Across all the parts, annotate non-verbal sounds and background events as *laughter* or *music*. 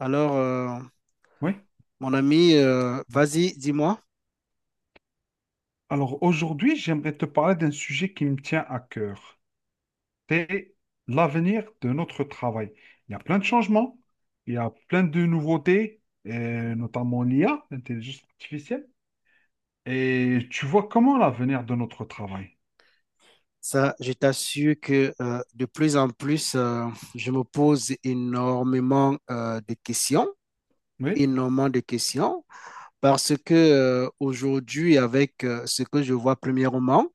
Alors, Oui. mon ami, vas-y, dis-moi. Alors aujourd'hui, j'aimerais te parler d'un sujet qui me tient à cœur. C'est l'avenir de notre travail. Il y a plein de changements, il y a plein de nouveautés, et notamment l'IA, l'intelligence artificielle. Et tu vois comment l'avenir de notre travail? Ça, je t'assure que de plus en plus, je me pose énormément de questions, Oui, énormément de questions, parce que aujourd'hui, avec ce que je vois premièrement,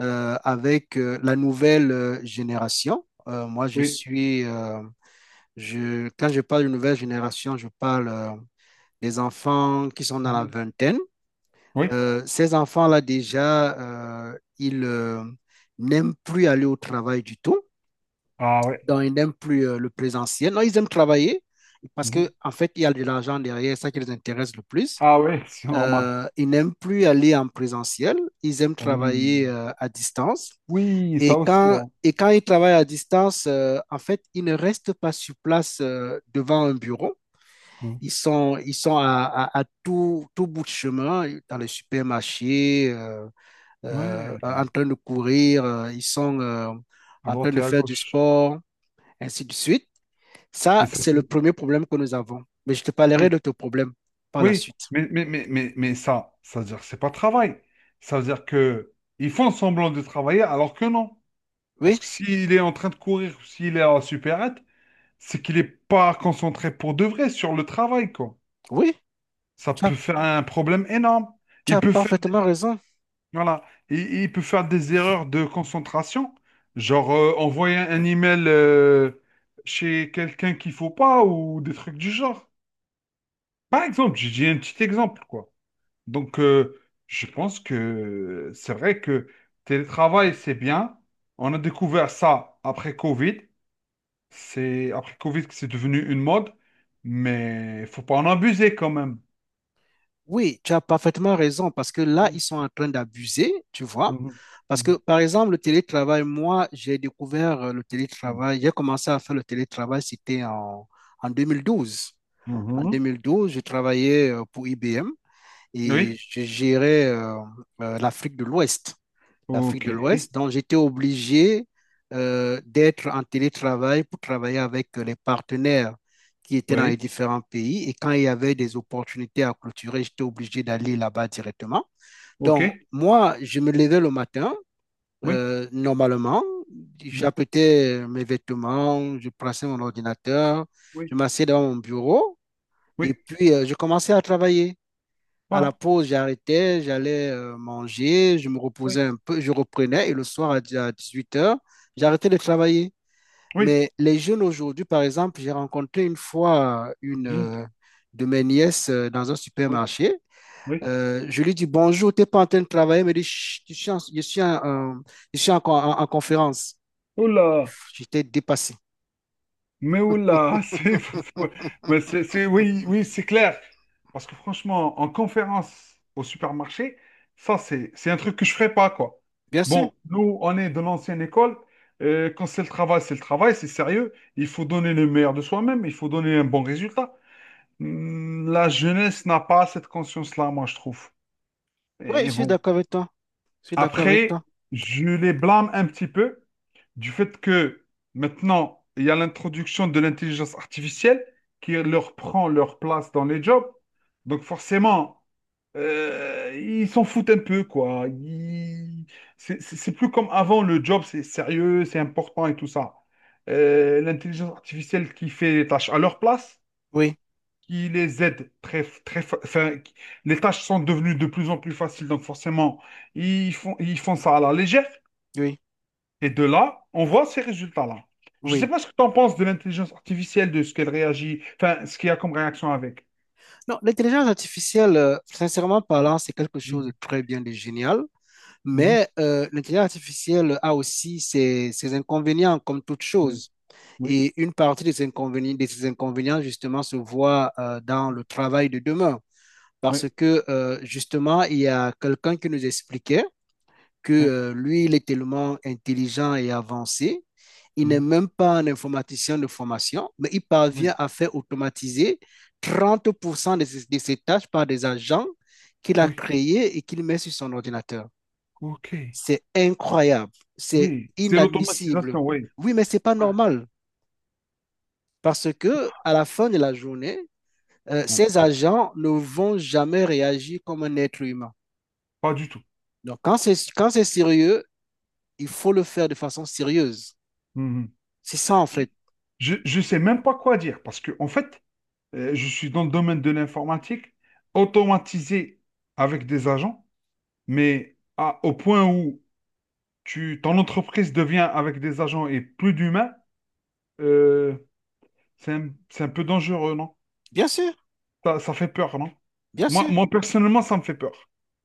avec la nouvelle génération, moi, oui, quand je parle de nouvelle génération, je parle des enfants qui sont dans la mhm, vingtaine. oui. Ces enfants-là, déjà, ils n'aiment plus aller au travail du tout. Ah ouais, Donc, ils n'aiment plus le présentiel. Non, ils aiment travailler parce mhm. qu'en en fait, il y a de l'argent derrière, ça qui les intéresse le plus. Ah ouais, *laughs* c'est normal. Ils n'aiment plus aller en présentiel. Ils aiment travailler Oui, à distance. oui, Et ça aussi, quand, ouais. et quand ils travaillent à distance, en fait, ils ne restent pas sur place devant un bureau. Mhm. Ils sont à, à tout bout de chemin, dans les supermarchés, Ouais, en train de courir, ils sont à en train droite de et à faire du gauche. sport, ainsi de suite. Et Ça, ça, c'est le c'est... premier problème que nous avons. Mais je te parlerai Oui. de ton problème par la Oui, suite. mais ça, ça veut dire que c'est pas travail. Ça veut dire que ils font semblant de travailler alors que non. Parce Oui, que s'il est en train de courir, s'il est à la supérette, c'est qu'il n'est pas concentré pour de vrai sur le travail, quoi. oui, Ça tu as, peut faire un problème énorme. tu Il as peut faire des, parfaitement raison. voilà, il peut faire des erreurs de concentration, genre envoyer un email chez quelqu'un qu'il faut pas ou des trucs du genre. Par exemple, j'ai dit un petit exemple, quoi. Donc, je pense que c'est vrai que télétravail, c'est bien. On a découvert ça après Covid. C'est après Covid que c'est devenu une mode, mais il faut pas en abuser quand même. Oui, tu as parfaitement raison parce que là, ils Mhm. sont en train d'abuser, tu vois. Mhm. Parce que, par exemple, le télétravail, moi, j'ai découvert le Mhm. télétravail, j'ai commencé à faire le télétravail, c'était en 2012. En Mhm. 2012, je travaillais pour IBM et Oui, je gérais l'Afrique de l'Ouest. L'Afrique ok, de l'Ouest. Donc, j'étais obligé d'être en télétravail pour travailler avec les partenaires qui étaient dans les oui, différents pays. Et quand il y avait des opportunités à clôturer, j'étais obligé d'aller là-bas directement. ok, Donc, moi, je me levais le matin, oui, normalement. mhm, J'apprêtais mes vêtements, je prenais mon ordinateur, oui, je m'asseyais devant mon bureau oui, et puis je commençais à travailler. À la voilà, pause, j'arrêtais, j'allais manger, je me reposais oui, un peu, je reprenais et le soir à 18 h, j'arrêtais de travailler. oui, Mais les jeunes aujourd'hui, par exemple, j'ai rencontré une fois une mhm, de mes nièces dans un oui, supermarché. oui. Je lui dis bonjour, t'es pas en train de travailler, elle me dit Chut, je suis en conférence. Oula! J'étais dépassé. Mais oula, *laughs* c'est, mais c'est, oui, oui, c'est clair. Parce que franchement, en conférence au supermarché, ça, c'est un truc que je ferais pas, quoi. Bien sûr. Bon, nous, on est de l'ancienne école. Quand c'est le travail, c'est le travail, c'est sérieux. Il faut donner le meilleur de soi-même, il faut donner un bon résultat. Hmm, la jeunesse n'a pas cette conscience-là, moi, je trouve. Oui, je Et suis bon. d'accord avec toi. Je suis d'accord avec Après, toi. je les blâme un petit peu du fait que maintenant, il y a l'introduction de l'intelligence artificielle qui leur prend leur place dans les jobs. Donc forcément, ils s'en foutent un peu, quoi. Ils- c'est plus comme avant, le job, c'est sérieux, c'est important et tout ça. L'intelligence artificielle qui fait les tâches à leur place, Oui, qui les aide très, très, les tâches sont devenues de plus en plus faciles, donc forcément, ils font ça à la légère. oui, Et de là, on voit ces résultats-là. Je ne sais oui. pas ce que tu en penses de l'intelligence artificielle, de ce qu'elle réagit, enfin, ce qu'il y a comme réaction avec. Non, l'intelligence artificielle, sincèrement parlant, c'est quelque chose de Mhm. très bien, de génial, Mhm. mais l'intelligence artificielle a aussi ses inconvénients, comme toute Oui, chose. oui, Et une partie de ces inconvénients justement, se voit dans le travail de demain. Parce oui, que, justement, il y a quelqu'un qui nous expliquait que oui, lui, il est tellement intelligent et avancé il mhm, n'est même pas un informaticien de formation, mais il oui, parvient à faire automatiser 30% de de ses tâches par des agents qu'il a oui, créés et qu'il met sur son ordinateur. ok, C'est incroyable, c'est oui. C'est inadmissible. l'automatisation, oui. Oui, mais c'est pas Ouais. normal parce que à la fin de la journée, Ouais. ces agents ne vont jamais réagir comme un être humain. Pas du tout. Donc, quand c'est sérieux, il faut le faire de façon sérieuse. Mhm. C'est ça, en fait. Je ne sais même pas quoi dire parce que, en fait, je suis dans le domaine de l'informatique, automatisé avec des agents, mais au point où tu, ton entreprise devient avec des agents et plus d'humains, euh, c'est un peu dangereux, non? Bien sûr, Ça fait peur, non? bien Moi, sûr. moi, personnellement, ça me fait peur.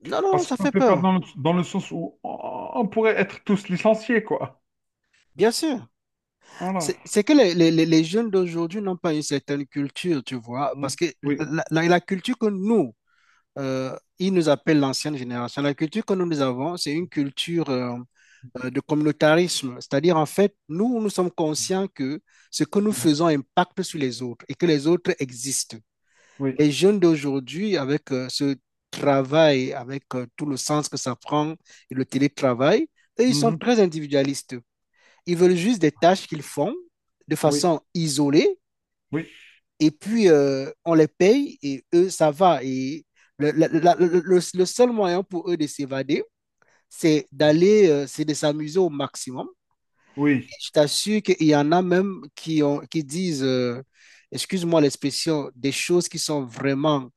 Non, non, Parce que ça ça me fait fait peur peur. Dans le sens où on pourrait être tous licenciés, quoi. Bien sûr. Voilà. C'est que les jeunes d'aujourd'hui n'ont pas une certaine culture, tu vois, parce Mm. que Oui. La culture que nous, ils nous appellent l'ancienne génération, la culture que nous, nous avons, c'est une culture de communautarisme. C'est-à-dire, en fait, nous, nous sommes conscients que ce que nous Mhm. faisons impacte sur les autres et que les autres existent. Oui. Les jeunes d'aujourd'hui, avec ce travail, avec tout le sens que ça prend et le télétravail, eux, ils sont Mhm. très individualistes. Ils veulent juste des tâches qu'ils font de Oui. façon isolée Oui. et puis on les paye et eux, ça va. Et le, la- la- le seul moyen pour eux de s'évader, c'est de s'amuser au maximum. Et Oui. je t'assure qu'il y en a même qui disent, excuse-moi l'expression, des choses qui sont vraiment,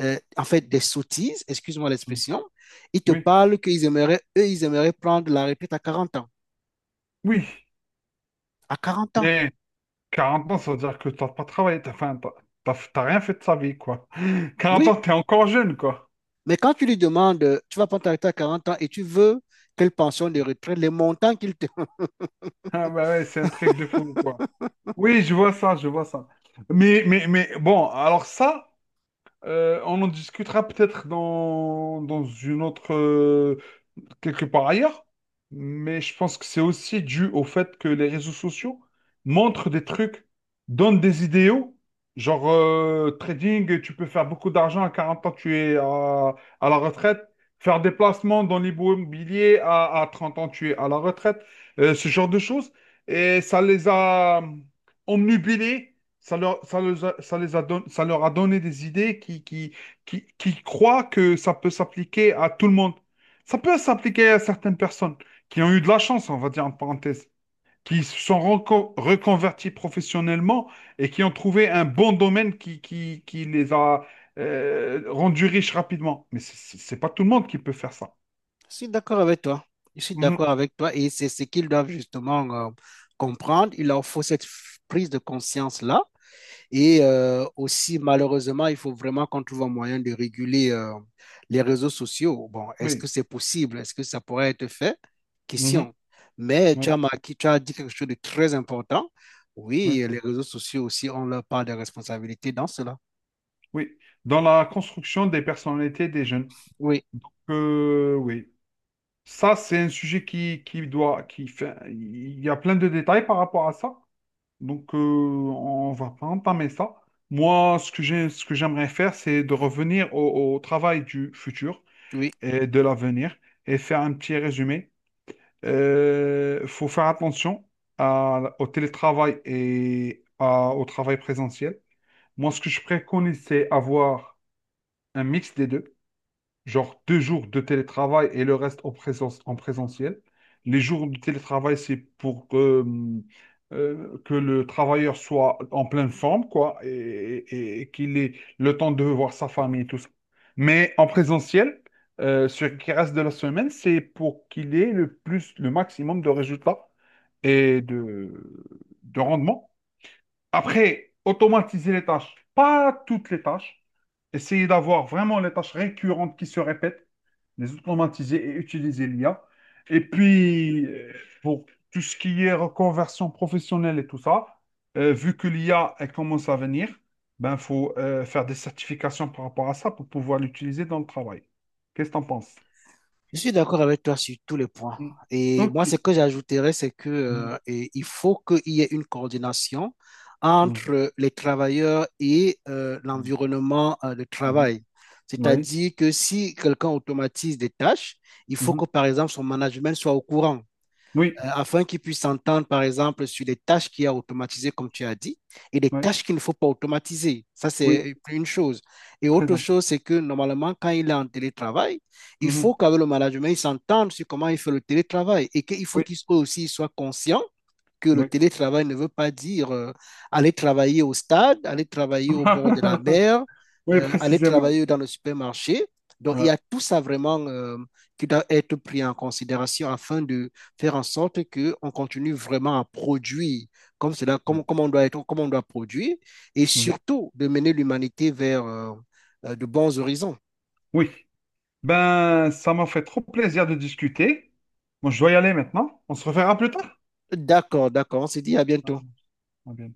en fait, des sottises, excuse-moi Mm. l'expression. Ils te Oui. parlent qu'ils aimeraient, eux, ils aimeraient prendre la retraite à 40 ans. Oui. À 40 ans, Mais 40 ans, ça veut dire que t'as pas travaillé, t'as enfin, t'as rien fait de sa vie, quoi. *laughs* Quarante oui. ans, t'es encore jeune, quoi. Mais quand tu lui demandes, tu vas prendre ta retraite à 40 ans et tu veux quelle pension de retraite, les montants qu'il te... *laughs* Ah bah ouais, c'est un truc de fou, quoi. Oui, je vois ça, je vois ça. Mais bon, alors ça, on en discutera peut-être dans, dans une autre quelque part ailleurs, mais je pense que c'est aussi dû au fait que les réseaux sociaux montrent des trucs, donnent des idéaux, genre trading, tu peux faire beaucoup d'argent à 40 ans, tu es à la retraite, faire des placements dans l'immobilier à 30 ans, tu es à la retraite, ce genre de choses, et ça les a omnubilés. Ça leur, ça les a, ça leur a donné des idées qui croient que ça peut s'appliquer à tout le monde. Ça peut s'appliquer à certaines personnes qui ont eu de la chance, on va dire en parenthèse, qui se sont reconverties professionnellement et qui ont trouvé un bon domaine qui les a rendus riches rapidement. Mais c'est pas tout le monde qui peut faire ça. Je suis d'accord avec toi. Je suis Mhm. d'accord avec toi et c'est ce qu'ils doivent justement comprendre. Il leur faut cette prise de conscience-là. Et aussi, malheureusement, il faut vraiment qu'on trouve un moyen de réguler les réseaux sociaux. Bon, est-ce que Oui. c'est possible? Est-ce que ça pourrait être fait? Mhm. Question. Mais Oui. Tu as dit quelque chose de très important. Oui. Oui, les réseaux sociaux aussi ont leur part de responsabilité dans cela. Oui. Dans la construction des personnalités des jeunes. Oui, Oui. Ça, c'est un sujet qui fait, il y a plein de détails par rapport à ça. Donc, on va pas entamer ça. Moi, ce que j'ai, ce que j'aimerais faire, c'est de revenir au, au travail du futur oui, et de l'avenir et faire un petit résumé. Il faut faire attention au télétravail et au travail présentiel. Moi, ce que je préconise, c'est avoir un mix des deux genre deux jours de télétravail et le reste en présence, en présentiel. Les jours de télétravail, c'est pour que le travailleur soit en pleine forme, quoi, et, et qu'il ait le temps de voir sa famille et tout ça. Mais en présentiel, ce qui reste de la semaine, c'est pour qu'il ait le plus, le maximum de résultats et de rendement. Après, automatiser les tâches, pas toutes les tâches. Essayer d'avoir vraiment les tâches récurrentes qui se répètent, les automatiser et utiliser l'IA. Et puis, pour tout ce qui est reconversion professionnelle et tout ça, vu que l'IA, elle commence à venir, ben, faut faire des certifications par rapport à ça pour pouvoir l'utiliser dans le travail. Qu'est-ce que tu en penses? je suis d'accord avec toi sur tous les points. Mm. Et moi, ce OK. que j'ajouterais, c'est que, Mm. Et il faut qu'il y ait une coordination Mm. entre les travailleurs et l'environnement de Mm. travail. Mm. Oui. C'est-à-dire que si quelqu'un automatise des tâches, il faut que, Mhm. par exemple, son management soit au courant. Oui. Euh, afin qu'ils puissent s'entendre, par exemple, sur les tâches qu'il y a automatisées, comme tu as dit, et les Oui. tâches qu'il ne faut pas automatiser. Ça, Oui. c'est une chose. Et Très autre important. chose, c'est que normalement, quand il est en télétravail, il faut Mhm. qu'avec le management, il s'entende sur comment il fait le télétravail et qu'il faut Oui. qu'il soit aussi il soit conscient que le Oui. télétravail ne veut pas dire aller travailler au stade, aller travailler au bord de la *laughs* mer, Oui, aller précisément. travailler dans le supermarché. Donc, il y Ouais. a tout ça vraiment qui doit être pris en considération afin de faire en sorte qu'on continue vraiment à produire comme cela, Mm. Comme on doit produire, et Mm. surtout de mener l'humanité vers de bons horizons. Oui. Ben, ça m'a fait trop plaisir de discuter. Moi, je dois y aller maintenant. On se reverra plus tard. D'accord, d'accord. On se dit à Ah, bientôt. ah, bien.